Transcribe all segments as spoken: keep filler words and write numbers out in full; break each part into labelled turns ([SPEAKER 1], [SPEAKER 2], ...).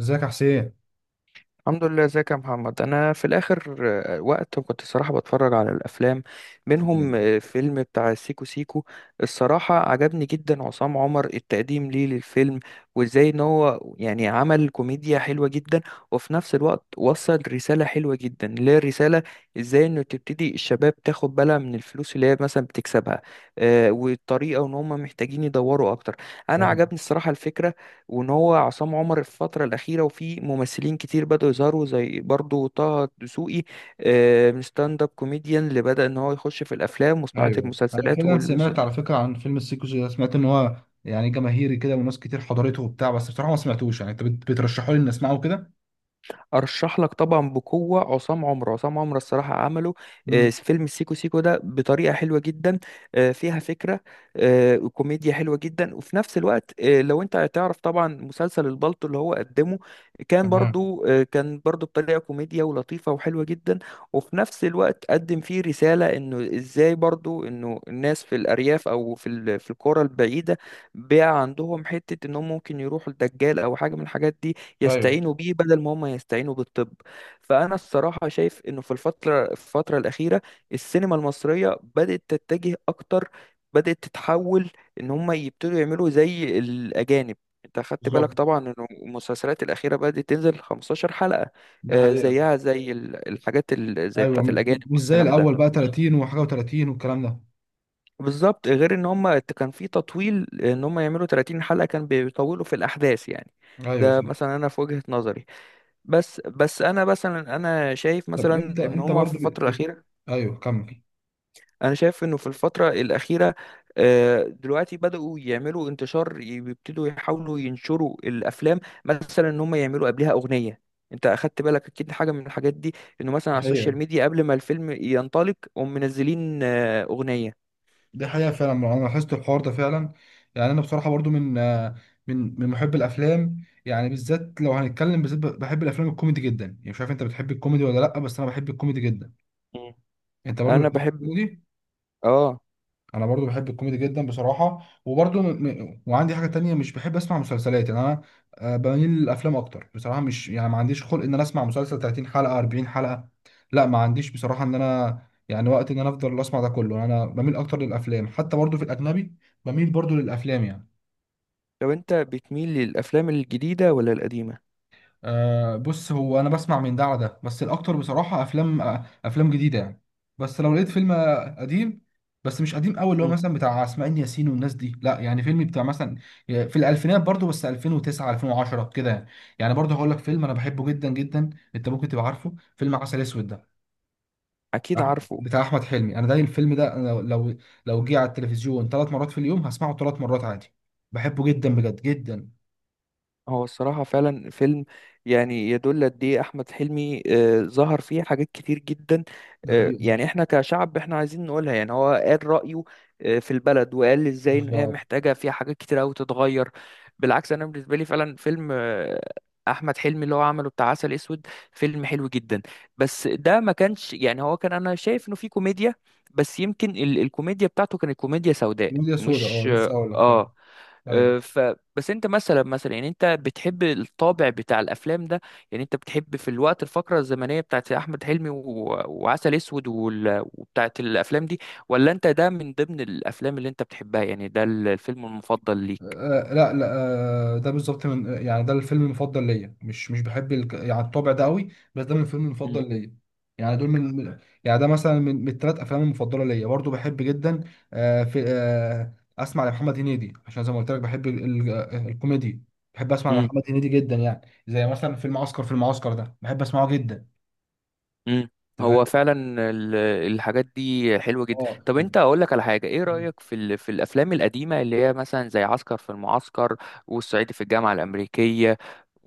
[SPEAKER 1] ازيك يا حسين؟
[SPEAKER 2] الحمد لله ازيك يا محمد انا في الاخر. آه، وقت كنت الصراحه بتفرج على الافلام
[SPEAKER 1] ايوه
[SPEAKER 2] منهم آه، فيلم بتاع سيكو سيكو. الصراحه عجبني جدا عصام عمر التقديم ليه للفيلم وازاي ان هو يعني عمل كوميديا حلوه جدا، وفي نفس الوقت وصل رساله حلوه جدا اللي هي الرساله، ازاي انه تبتدي الشباب تاخد بالها من الفلوس اللي هي مثلا بتكسبها، آه، والطريقه ان هم محتاجين يدوروا اكتر. انا
[SPEAKER 1] ايوه
[SPEAKER 2] عجبني الصراحه الفكره، وان هو عصام عمر الفتره الاخيره وفي ممثلين كتير بدأوا يظهروا زي برضو طه دسوقي، آه، من ستاند اب كوميديان اللي بدأ ان هو يخش في الافلام وصناعه
[SPEAKER 1] ايوه. انا
[SPEAKER 2] المسلسلات
[SPEAKER 1] فعلا
[SPEAKER 2] والمس...
[SPEAKER 1] سمعت على فكره عن فيلم السيكو سيكو ده، سمعت ان هو يعني جماهيري كده وناس كتير حضرته وبتاع، بس بصراحه ما سمعتوش. يعني انت بت- بترشحوا لي اني اسمعه كده؟
[SPEAKER 2] ارشح لك طبعا بقوه عصام عمر، عصام عمر الصراحه عمله آه،
[SPEAKER 1] امم.
[SPEAKER 2] فيلم السيكو سيكو ده بطريقه حلوه جدا، آه، فيها فكره، آه، وكوميديا حلوه جدا، وفي نفس الوقت آه، لو انت هتعرف طبعا مسلسل البلطو اللي هو قدمه كان
[SPEAKER 1] تمام.
[SPEAKER 2] برضو، آه، كان برضو بطريقه كوميديا ولطيفه وحلوه جدا، وفي نفس الوقت قدم فيه رساله انه ازاي برضو انه الناس في الارياف او في ال- في القرى البعيده بقى عندهم حته انهم ممكن يروحوا لدجال او حاجه من الحاجات دي،
[SPEAKER 1] ايوه،
[SPEAKER 2] يستعينوا بيه بدل ما هم يستعينوا بالطب. فأنا الصراحة شايف إنه في الفترة الفترة الأخيرة السينما المصرية بدأت تتجه أكتر، بدأت تتحول، إن هم يبتدوا يعملوا زي الأجانب. أنت خدت بالك
[SPEAKER 1] بالظبط،
[SPEAKER 2] طبعا إن المسلسلات الأخيرة بدأت تنزل 15 حلقة،
[SPEAKER 1] ده
[SPEAKER 2] آه،
[SPEAKER 1] حقيقه.
[SPEAKER 2] زيها زي ال- الحاجات ال- زي
[SPEAKER 1] ايوه،
[SPEAKER 2] بتاعت الأجانب
[SPEAKER 1] م- مش زي
[SPEAKER 2] والكلام ده.
[SPEAKER 1] الاول بقى ثلاثين وحاجه و30 والكلام ده.
[SPEAKER 2] بالظبط غير إن هم كان في تطويل، إن هم يعملوا 30 حلقة كان بيطولوا في الأحداث يعني.
[SPEAKER 1] ايوه
[SPEAKER 2] ده
[SPEAKER 1] صح.
[SPEAKER 2] مثلا أنا في وجهة نظري. بس بس انا مثلا انا شايف
[SPEAKER 1] طب انت
[SPEAKER 2] مثلا ان
[SPEAKER 1] انت
[SPEAKER 2] هما
[SPEAKER 1] برضو
[SPEAKER 2] في
[SPEAKER 1] بت...
[SPEAKER 2] الفتره
[SPEAKER 1] بت...
[SPEAKER 2] الاخيره،
[SPEAKER 1] ايوه، كمل.
[SPEAKER 2] انا شايف انه في الفتره الاخيره آه، دلوقتي بداوا يعملوا انتشار، يبتدوا يحاولوا ينشروا الافلام. مثلا ان هما يعملوا قبلها اغنيه، انت اخدت بالك اكيد حاجه من الحاجات دي، انه مثلا على السوشيال ميديا قبل ما الفيلم ينطلق هم منزلين آه، اغنيه.
[SPEAKER 1] دي حقيقة فعلا، ما انا لاحظت الحوار ده فعلا. يعني انا بصراحة برضو من آه، من من محب الافلام، يعني بالذات لو هنتكلم بالذات بحب الافلام الكوميدي جدا. يعني مش عارف انت بتحب الكوميدي ولا لا، بس انا بحب الكوميدي جدا.
[SPEAKER 2] مم.
[SPEAKER 1] انت برضو
[SPEAKER 2] انا
[SPEAKER 1] بتحب
[SPEAKER 2] بحب.
[SPEAKER 1] الكوميدي؟
[SPEAKER 2] اه،
[SPEAKER 1] انا برضو بحب الكوميدي جدا بصراحه. وبرضو م... م- وعندي حاجه تانية، مش بحب اسمع مسلسلات. يعني انا آه، بميل للافلام اكتر بصراحه. مش يعني ما عنديش خلق ان انا اسمع مسلسل ثلاثين حلقه اربعين حلقه، لا ما عنديش بصراحه ان انا، يعني وقت ان انا افضل اسمع ده كله انا بميل اكتر للافلام. حتى برضو في الاجنبي بميل برضو للافلام يعني.
[SPEAKER 2] لو انت بتميل للافلام الجديده ولا القديمه؟
[SPEAKER 1] آه بص، هو انا بسمع من ده على ده، بس الاكتر بصراحه افلام، آه افلام جديده يعني. بس لو لقيت فيلم آه، قديم، بس مش قديم قوي اللي هو
[SPEAKER 2] مم.
[SPEAKER 1] مثلا بتاع اسماعيل ياسين والناس دي، لا يعني فيلم بتاع مثلا آه، في الالفينات، برضو بس الفين وتسعة الفين وعشرة كده يعني. يعني برضو هقول لك فيلم انا بحبه جدا جدا. انت ممكن تبقى عارفه فيلم عسل اسود ده؟
[SPEAKER 2] اكيد
[SPEAKER 1] أح-
[SPEAKER 2] عارفه.
[SPEAKER 1] بتاع احمد حلمي. انا ده الفيلم ده أنا لو لو لو جه على التلفزيون ثلاث مرات في اليوم هسمعه ثلاث مرات عادي. بحبه جدا بجد جدا.
[SPEAKER 2] هو الصراحة فعلا فيلم يعني يدل قد ايه أحمد حلمي، آه، ظهر فيه حاجات كتير جدا،
[SPEAKER 1] ده
[SPEAKER 2] آه،
[SPEAKER 1] حقيقة.
[SPEAKER 2] يعني احنا كشعب احنا عايزين نقولها، يعني هو قال رأيه آه، في البلد وقال ازاي ان هي
[SPEAKER 1] بالظبط،
[SPEAKER 2] محتاجة فيها حاجات كتير أوي تتغير. بالعكس أنا بالنسبة لي فعلا فيلم آه، أحمد حلمي اللي هو عمله بتاع عسل أسود فيلم حلو جدا، بس ده ما كانش يعني، هو كان أنا شايف إنه فيه كوميديا بس يمكن ال- الكوميديا بتاعته كانت كوميديا سوداء
[SPEAKER 1] ميديا سودا، اه
[SPEAKER 2] مش.
[SPEAKER 1] لسه اقول لك، فاهم.
[SPEAKER 2] اه.
[SPEAKER 1] ايوه.
[SPEAKER 2] أه، ف بس انت مثلا، مثلا يعني انت بتحب الطابع بتاع الافلام ده؟ يعني انت بتحب في الوقت الفقره الزمنيه بتاعت احمد حلمي و... وعسل اسود وال... وبتاعت الافلام دي، ولا انت ده من ضمن الافلام اللي انت بتحبها؟ يعني ده الفيلم المفضل ليك؟
[SPEAKER 1] آه لا لا آه ده بالظبط، من يعني ده الفيلم المفضل ليا، مش مش بحب الك... يعني الطابع ده قوي، بس ده من الفيلم المفضل ليا. يعني دول من من- يعني ده مثلا من, من الثلاث افلام المفضله ليا، برضو بحب جدا. آه في آه اسمع لمحمد هنيدي، عشان زي ما قلت لك بحب ال... ال... آه، الكوميدي. بحب اسمع
[SPEAKER 2] مم.
[SPEAKER 1] لمحمد هنيدي جدا يعني. زي مثلا فيلم عسكر في المعسكر، ده بحب اسمعه جدا.
[SPEAKER 2] مم.
[SPEAKER 1] انت
[SPEAKER 2] هو
[SPEAKER 1] فاهم؟
[SPEAKER 2] فعلا ال- الحاجات دي حلوة جدا.
[SPEAKER 1] اه
[SPEAKER 2] طب انت اقول لك على حاجة، ايه رأيك في ال- في الافلام القديمة اللي هي مثلا زي عسكر في المعسكر، والصعيدي في الجامعة الأمريكية،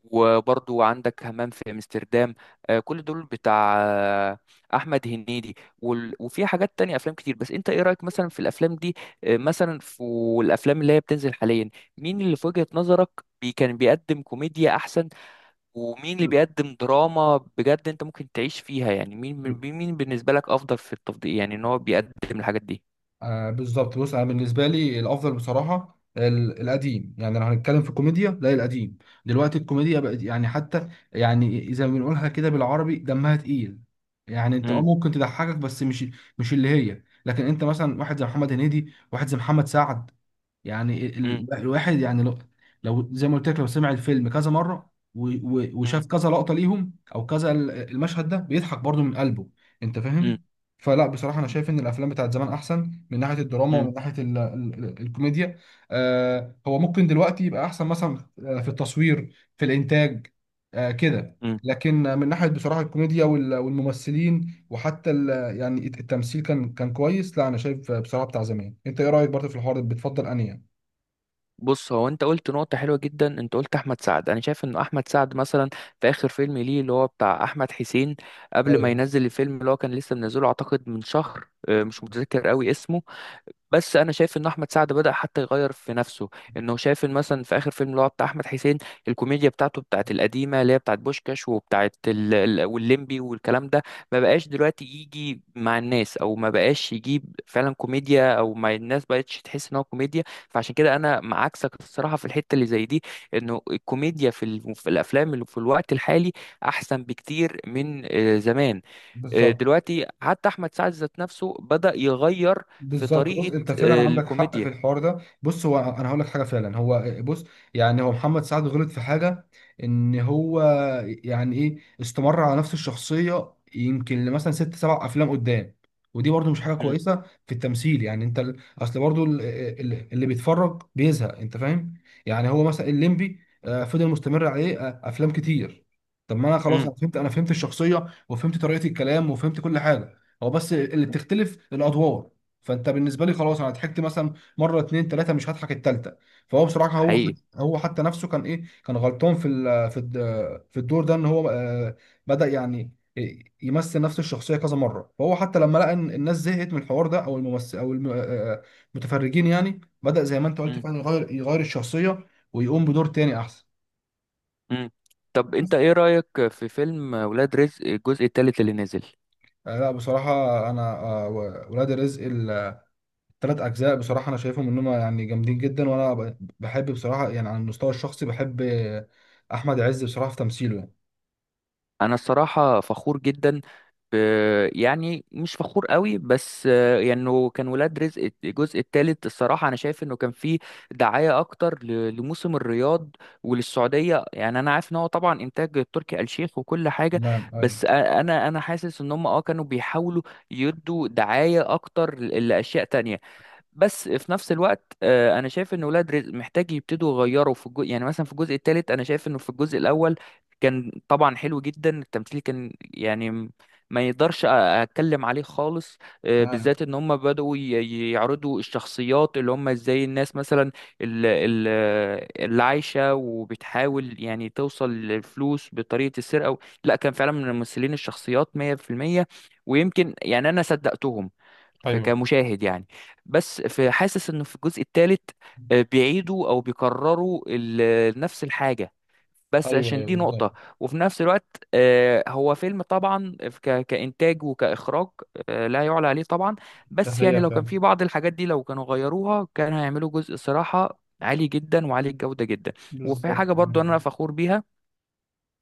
[SPEAKER 2] وبرضو عندك همام في امستردام؟ آه، كل دول بتاع آه، احمد هنيدي، وال- وفي حاجات تانية افلام كتير. بس انت ايه رأيك مثلا في الافلام دي؟ آه، مثلا في الافلام اللي هي بتنزل حاليا، مين اللي في وجهة نظرك بي كان بيقدم كوميديا احسن؟ ومين اللي
[SPEAKER 1] يعني.
[SPEAKER 2] بيقدم دراما بجد انت ممكن تعيش فيها؟ يعني مين مين مين بالنسبة لك افضل في التفضيل، يعني ان هو بيقدم الحاجات دي.
[SPEAKER 1] آه بالظبط، بص انا بالنسبه لي الافضل بصراحه ال- القديم. يعني لو هنتكلم في الكوميديا، لا القديم. دلوقتي الكوميديا بقت يعني، حتى يعني اذا بنقولها كده بالعربي دمها تقيل. يعني انت اه
[SPEAKER 2] امم
[SPEAKER 1] ممكن تضحكك، بس مش مش اللي هي. لكن انت مثلا واحد زي محمد هنيدي، واحد زي محمد سعد، يعني
[SPEAKER 2] امم
[SPEAKER 1] ال... لا الواحد يعني لو... لو زي ما قلت لك لو سمع الفيلم كذا مرة و... و...
[SPEAKER 2] امم
[SPEAKER 1] وشاف كذا لقطة ليهم او كذا ال- المشهد ده، بيضحك برضو من قلبه. انت
[SPEAKER 2] امم
[SPEAKER 1] فاهم؟ فلا بصراحة انا شايف ان الافلام بتاعت زمان احسن من ناحية الدراما ومن
[SPEAKER 2] امم
[SPEAKER 1] ناحية ال... ال... الكوميديا. آه هو ممكن دلوقتي يبقى احسن مثلا، آه، في التصوير، في الانتاج، آه كده.
[SPEAKER 2] امم.
[SPEAKER 1] لكن من ناحية بصراحة الكوميديا وال- والممثلين وحتى ال، يعني التمثيل كان كان كويس. لا انا شايف بصراحه بتاع زمان. انت ايه رايك برضه في الحوار ده؟ بتفضل انهي يعني؟
[SPEAKER 2] بص هو انت قلت نقطة حلوة جدا، انت قلت احمد سعد، انا شايف ان احمد سعد مثلا في اخر فيلم ليه اللي هو بتاع احمد حسين، قبل ما
[SPEAKER 1] ايوه
[SPEAKER 2] ينزل الفيلم اللي هو كان لسه منزله اعتقد من شهر، اه، مش متذكر قوي اسمه. بس انا شايف ان احمد سعد بدأ حتى يغير في نفسه، انه شايف ان مثلا في اخر فيلم اللي هو بتاع احمد حسين الكوميديا بتاعته بتاعت القديمه اللي هي بتاعت بوشكاش وبتاعت ال... ال- والليمبي والكلام ده، ما بقاش دلوقتي يجي مع الناس، او ما بقاش يجيب فعلا كوميديا، او ما الناس بقتش تحس ان هو كوميديا. فعشان كده انا مع عكسك الصراحه في الحته اللي زي دي، انه الكوميديا في, ال... في الافلام اللي في الوقت الحالي احسن بكتير من آه، زمان. آه،
[SPEAKER 1] بالظبط.
[SPEAKER 2] دلوقتي حتى احمد سعد ذات نفسه بدأ يغير في
[SPEAKER 1] بالظبط، بص
[SPEAKER 2] طريقة
[SPEAKER 1] انت فعلا
[SPEAKER 2] آه،
[SPEAKER 1] عندك حق في
[SPEAKER 2] الكوميديا.
[SPEAKER 1] الحوار ده. بص هو انا هقول لك حاجه، فعلا هو بص، يعني هو محمد سعد غلط في حاجه ان هو يعني ايه، استمر على نفس الشخصيه يمكن لمثلا ست سبع افلام قدام. ودي برضو مش حاجه
[SPEAKER 2] مم.
[SPEAKER 1] كويسه في التمثيل. يعني انت ال- اصل برضو ال- ال- اللي بيتفرج بيزهق. انت فاهم؟ يعني هو مثلا الليمبي آه، فضل مستمر عليه آه، افلام كتير. طب ما انا خلاص،
[SPEAKER 2] مم.
[SPEAKER 1] انا فهمت انا فهمت الشخصيه، وفهمت طريقه الكلام، وفهمت كل حاجه. هو بس اللي بتختلف الادوار. فانت بالنسبه لي خلاص، انا ضحكت مثلا مره اتنين تلاته، مش هضحك التالته. فهو بصراحه هو
[SPEAKER 2] حقيقي.
[SPEAKER 1] حت- هو حتى نفسه كان ايه، كان غلطان في ال- في الد- في الدور ده، ان هو آه، بدا يعني إيه، يمثل نفس الشخصيه كذا مره. فهو حتى لما لقى ان الناس زهقت من الحوار ده، او الممثل او الم- آه، آه، المتفرجين، يعني بدا زي ما انت قلت
[SPEAKER 2] مم.
[SPEAKER 1] فعلا يغير، يغير الشخصيه، ويقوم بدور تاني احسن.
[SPEAKER 2] مم. طب انت
[SPEAKER 1] بس.
[SPEAKER 2] ايه رأيك في فيلم ولاد رزق الجزء الثالث اللي نزل؟
[SPEAKER 1] آه، لا بصراحه انا آه، ولاد رزق ثلاث اجزاء، بصراحه انا شايفهم انهم يعني جامدين جدا. وانا ب- بحب بصراحه يعني على المستوى الشخصي، بحب احمد عز بصراحه في تمثيله يعني.
[SPEAKER 2] انا الصراحه فخور جدا ب... يعني مش فخور قوي، بس آه، يعني إنه كان ولاد رزق الجزء الثالث الصراحه انا شايف انه كان فيه دعايه اكتر ل... لموسم الرياض وللسعوديه. يعني انا عارف ان هو طبعا انتاج تركي آل الشيخ وكل حاجه،
[SPEAKER 1] نعم ايوه.
[SPEAKER 2] بس أ- انا انا حاسس ان هم اه كانوا بيحاولوا يدوا دعايه اكتر ل- لاشياء تانية. بس في نفس الوقت آه، انا شايف ان ولاد رزق محتاج يبتدوا يغيروا في الجزء. يعني مثلا في الجزء الثالث انا شايف انه في الجزء الاول كان طبعا حلو جدا، التمثيل كان يعني م- ما يقدرش أ- اتكلم عليه خالص. آه،
[SPEAKER 1] تمام.
[SPEAKER 2] بالذات ان هم بدأوا ي- ي- يعرضوا الشخصيات اللي هم ازاي الناس مثلا ال- ال- اللي عايشة وبتحاول يعني توصل للفلوس بطريقة السرقة. لا كان فعلا من الممثلين الشخصيات مية في المية، ويمكن يعني انا صدقتهم ف-
[SPEAKER 1] ايوه
[SPEAKER 2] كمشاهد يعني. بس في حاسس انه في الجزء الثالث بيعيدوا او بيكرروا ال- نفس الحاجه، بس
[SPEAKER 1] ايوه
[SPEAKER 2] عشان
[SPEAKER 1] ايوه
[SPEAKER 2] دي
[SPEAKER 1] بالظبط،
[SPEAKER 2] نقطة. وفي نفس الوقت آه، هو فيلم طبعا ك- كإنتاج وكإخراج، آه، لا يعلى عليه طبعا.
[SPEAKER 1] ده
[SPEAKER 2] بس يعني
[SPEAKER 1] هي
[SPEAKER 2] لو كان
[SPEAKER 1] فعلا.
[SPEAKER 2] في بعض الحاجات دي لو كانوا غيروها كان هيعملوا جزء صراحة عالي جدا وعالي الجودة جدا. وفي
[SPEAKER 1] بالظبط،
[SPEAKER 2] حاجة برضو أنا
[SPEAKER 1] نعم.
[SPEAKER 2] فخور بيها،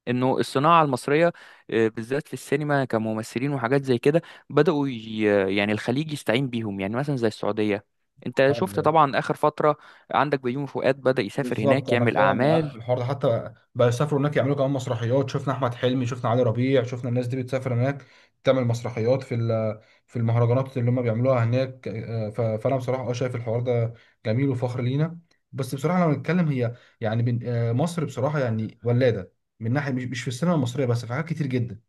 [SPEAKER 2] انه الصناعه المصريه آه، بالذات في السينما كممثلين وحاجات زي كده، بداوا ي- يعني الخليج يستعين بيهم، يعني مثلا زي السعوديه. انت شفت
[SPEAKER 1] ايوه
[SPEAKER 2] طبعا اخر فتره عندك بيومي فؤاد بدا يسافر
[SPEAKER 1] بالظبط،
[SPEAKER 2] هناك
[SPEAKER 1] انا
[SPEAKER 2] يعمل
[SPEAKER 1] فعلا معاك
[SPEAKER 2] اعمال.
[SPEAKER 1] في الحوار ده. حتى بيسافروا هناك، يعملوا كمان مسرحيات. شفنا احمد حلمي، شفنا علي ربيع، شفنا الناس دي بتسافر هناك تعمل مسرحيات في ال- في المهرجانات اللي هم بيعملوها هناك. آه، ف- فانا بصراحه اه شايف الحوار ده جميل وفخر لينا. بس بصراحه لو نتكلم هي، يعني بن- آه، مصر بصراحه يعني ولاده من ناحيه، مش مش في السينما المصريه بس، في حاجات كتير جدا.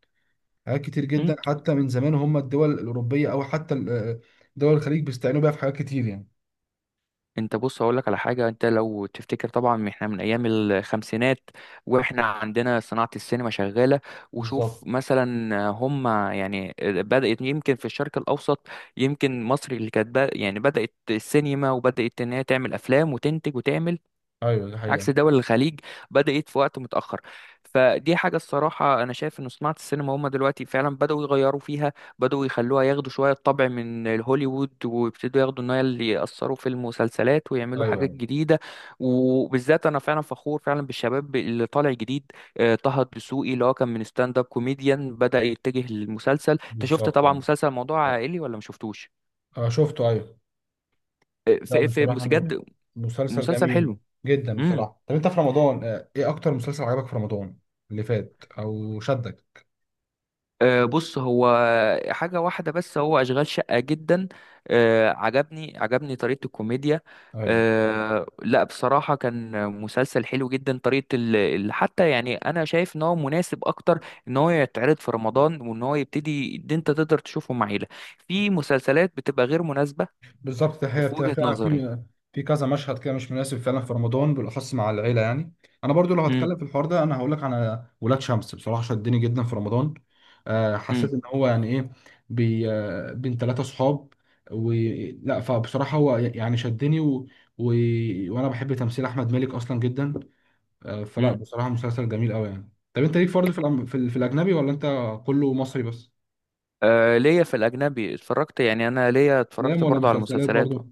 [SPEAKER 1] حاجات كتير جدا حتى من زمان، هم الدول الاوروبيه او حتى ال- آه، دول الخليج بيستعينوا بيها في حاجات كتير يعني.
[SPEAKER 2] انت بص هقول لك على حاجه، انت لو تفتكر طبعا احنا من ايام الخمسينات واحنا عندنا صناعه السينما شغاله.
[SPEAKER 1] بالظبط.
[SPEAKER 2] وشوف مثلا هم يعني بدات يمكن في الشرق الاوسط، يمكن مصر اللي كانت بق- يعني بدات السينما وبدات ان هي تعمل افلام وتنتج وتعمل،
[SPEAKER 1] ايوه دي حقيقه.
[SPEAKER 2] عكس دول الخليج بدأت في وقت متأخر. فدي حاجة الصراحة أنا شايف إن صناعة السينما هما دلوقتي فعلا بدأوا يغيروا فيها، بدأوا يخلوها ياخدوا شوية طبع من هوليوود ويبتدوا ياخدوا إن هي اللي يأثروا في المسلسلات ويعملوا حاجات
[SPEAKER 1] ايوه
[SPEAKER 2] جديدة. وبالذات أنا فعلا فخور فعلا بالشباب اللي طالع جديد، آه، طه الدسوقي اللي هو كان من ستاند أب كوميديان بدأ يتجه للمسلسل. أنت شفت
[SPEAKER 1] بالظبط.
[SPEAKER 2] طبعا
[SPEAKER 1] آه.
[SPEAKER 2] مسلسل موضوع عائلي ولا مشفتوش؟
[SPEAKER 1] اه شفته ايوه.
[SPEAKER 2] آه،
[SPEAKER 1] لا
[SPEAKER 2] في في
[SPEAKER 1] بصراحة م-
[SPEAKER 2] بجد
[SPEAKER 1] مسلسل
[SPEAKER 2] مسلسل
[SPEAKER 1] جميل
[SPEAKER 2] حلو.
[SPEAKER 1] جدا
[SPEAKER 2] مم.
[SPEAKER 1] بصراحة. طب انت في رمضان آه، ايه اكتر مسلسل عجبك في رمضان اللي فات او شدك؟
[SPEAKER 2] آه، بص هو حاجة واحدة بس، هو أشغال شقة جدا آه، عجبني، عجبني طريقة الكوميديا.
[SPEAKER 1] ايوه
[SPEAKER 2] آه، لا بصراحة كان مسلسل حلو جدا، طريقة ال... ال- حتى يعني أنا شايف إن هو مناسب أكتر إن هو يتعرض في رمضان، وإن هو يبتدي إن أنت تقدر تشوفه مع عيلة. في مسلسلات بتبقى غير مناسبة
[SPEAKER 1] بالظبط، ده هي
[SPEAKER 2] في
[SPEAKER 1] بتبقى
[SPEAKER 2] وجهة
[SPEAKER 1] فعلا
[SPEAKER 2] نظري.
[SPEAKER 1] في في كذا مشهد كده مش مناسب فعلا في رمضان بالاخص مع العيلة يعني. انا برضو لو
[SPEAKER 2] امم
[SPEAKER 1] هتكلم في الحوار ده، انا هقول لك على ولاد شمس، بصراحة شدني جدا في رمضان. آه،
[SPEAKER 2] امم
[SPEAKER 1] حسيت ان هو يعني ايه، بي آه، بين ثلاثة صحاب. و لا فبصراحة هو يعني شدني، و... و... وانا بحب تمثيل احمد مالك اصلا جدا. آه، فلا
[SPEAKER 2] امم.
[SPEAKER 1] بصراحة مسلسل جميل قوي يعني. طب انت ليك فرض في الأم... في, ال... في الأجنبي، ولا انت كله مصري بس؟
[SPEAKER 2] آه، ليا في الأجنبي اتفرجت، يعني أنا ليا
[SPEAKER 1] افلام
[SPEAKER 2] اتفرجت
[SPEAKER 1] ولا
[SPEAKER 2] برضه على
[SPEAKER 1] مسلسلات
[SPEAKER 2] المسلسلات.
[SPEAKER 1] برضه؟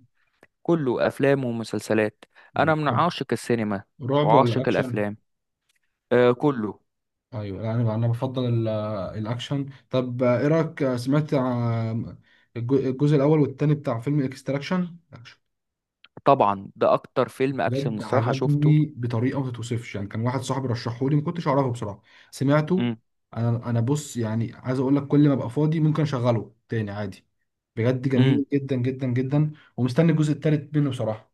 [SPEAKER 2] كله افلام ومسلسلات، انا
[SPEAKER 1] مم.
[SPEAKER 2] من
[SPEAKER 1] طب
[SPEAKER 2] عاشق السينما
[SPEAKER 1] رعب ولا
[SPEAKER 2] وعاشق
[SPEAKER 1] أكشن؟
[SPEAKER 2] الافلام. آه كله.
[SPEAKER 1] أيوه لا، أنا أنا بفضل ال... الأكشن. طب آه، إيه رأيك؟ آه، سمعت عن الج- الجزء الأول والتاني بتاع فيلم إكستراكشن؟
[SPEAKER 2] طبعا ده اكتر فيلم اكشن
[SPEAKER 1] بجد
[SPEAKER 2] الصراحه شفته.
[SPEAKER 1] عجبني بطريقه ما تتوصفش يعني. كان واحد صاحبي رشحه لي، ما كنتش اعرفه بصراحه، سمعته.
[SPEAKER 2] امم
[SPEAKER 1] انا انا بص يعني عايز اقول لك، كل ما ابقى فاضي ممكن اشغله تاني عادي، بجد جميل
[SPEAKER 2] امم.
[SPEAKER 1] جدا جدا جدا. ومستني الجزء التالت منه بصراحه.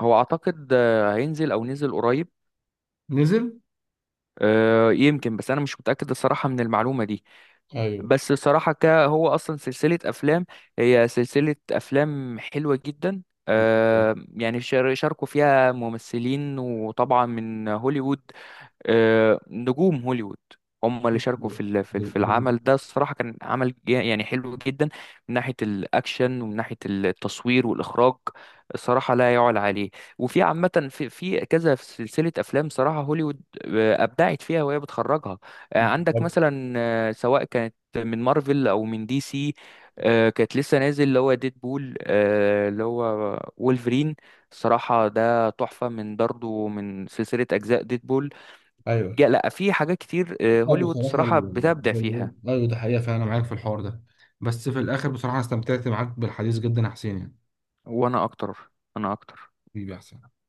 [SPEAKER 2] هو اعتقد آه، هينزل او نزل قريب.
[SPEAKER 1] نزل؟
[SPEAKER 2] آه يمكن، بس انا مش متاكد الصراحه من المعلومه دي.
[SPEAKER 1] ايوه.
[SPEAKER 2] بس الصراحه ك هو اصلا سلسله افلام، هي سلسله افلام حلوه جدا.
[SPEAKER 1] ب-
[SPEAKER 2] آه يعني شار- شاركوا فيها ممثلين وطبعا من هوليوود، آه، نجوم هوليوود هم اللي شاركوا في ال- في ال- في
[SPEAKER 1] ب-
[SPEAKER 2] العمل ده. الصراحة كان عمل جا- يعني حلو جدا، من ناحية الأكشن ومن ناحية التصوير والإخراج الصراحة لا يعلى عليه. وفي عامة في في كذا سلسلة أفلام صراحة هوليوود آه، أبدعت فيها وهي بتخرجها. آه، عندك
[SPEAKER 1] بالظبط.
[SPEAKER 2] مثلا آه، سواء كانت من مارفل أو من دي سي، آه، كانت لسه نازل اللي هو ديد بول اللي هو وولفرين، الصراحة ده تحفة من برضه من سلسلة أجزاء ديد بول.
[SPEAKER 1] ايوه
[SPEAKER 2] جا- لا في حاجات كتير آه،
[SPEAKER 1] لا
[SPEAKER 2] هوليوود
[SPEAKER 1] بصراحة
[SPEAKER 2] صراحة
[SPEAKER 1] ال-
[SPEAKER 2] بتبدع
[SPEAKER 1] ال-
[SPEAKER 2] فيها.
[SPEAKER 1] أيوة ده حقيقة فعلا، أنا معاك في الحوار ده. بس في الآخر بصراحة أنا استمتعت معاك بالحديث جدا يا حسين يعني.
[SPEAKER 2] وانا اكتر انا اكتر.
[SPEAKER 1] حبيبي يا حسين.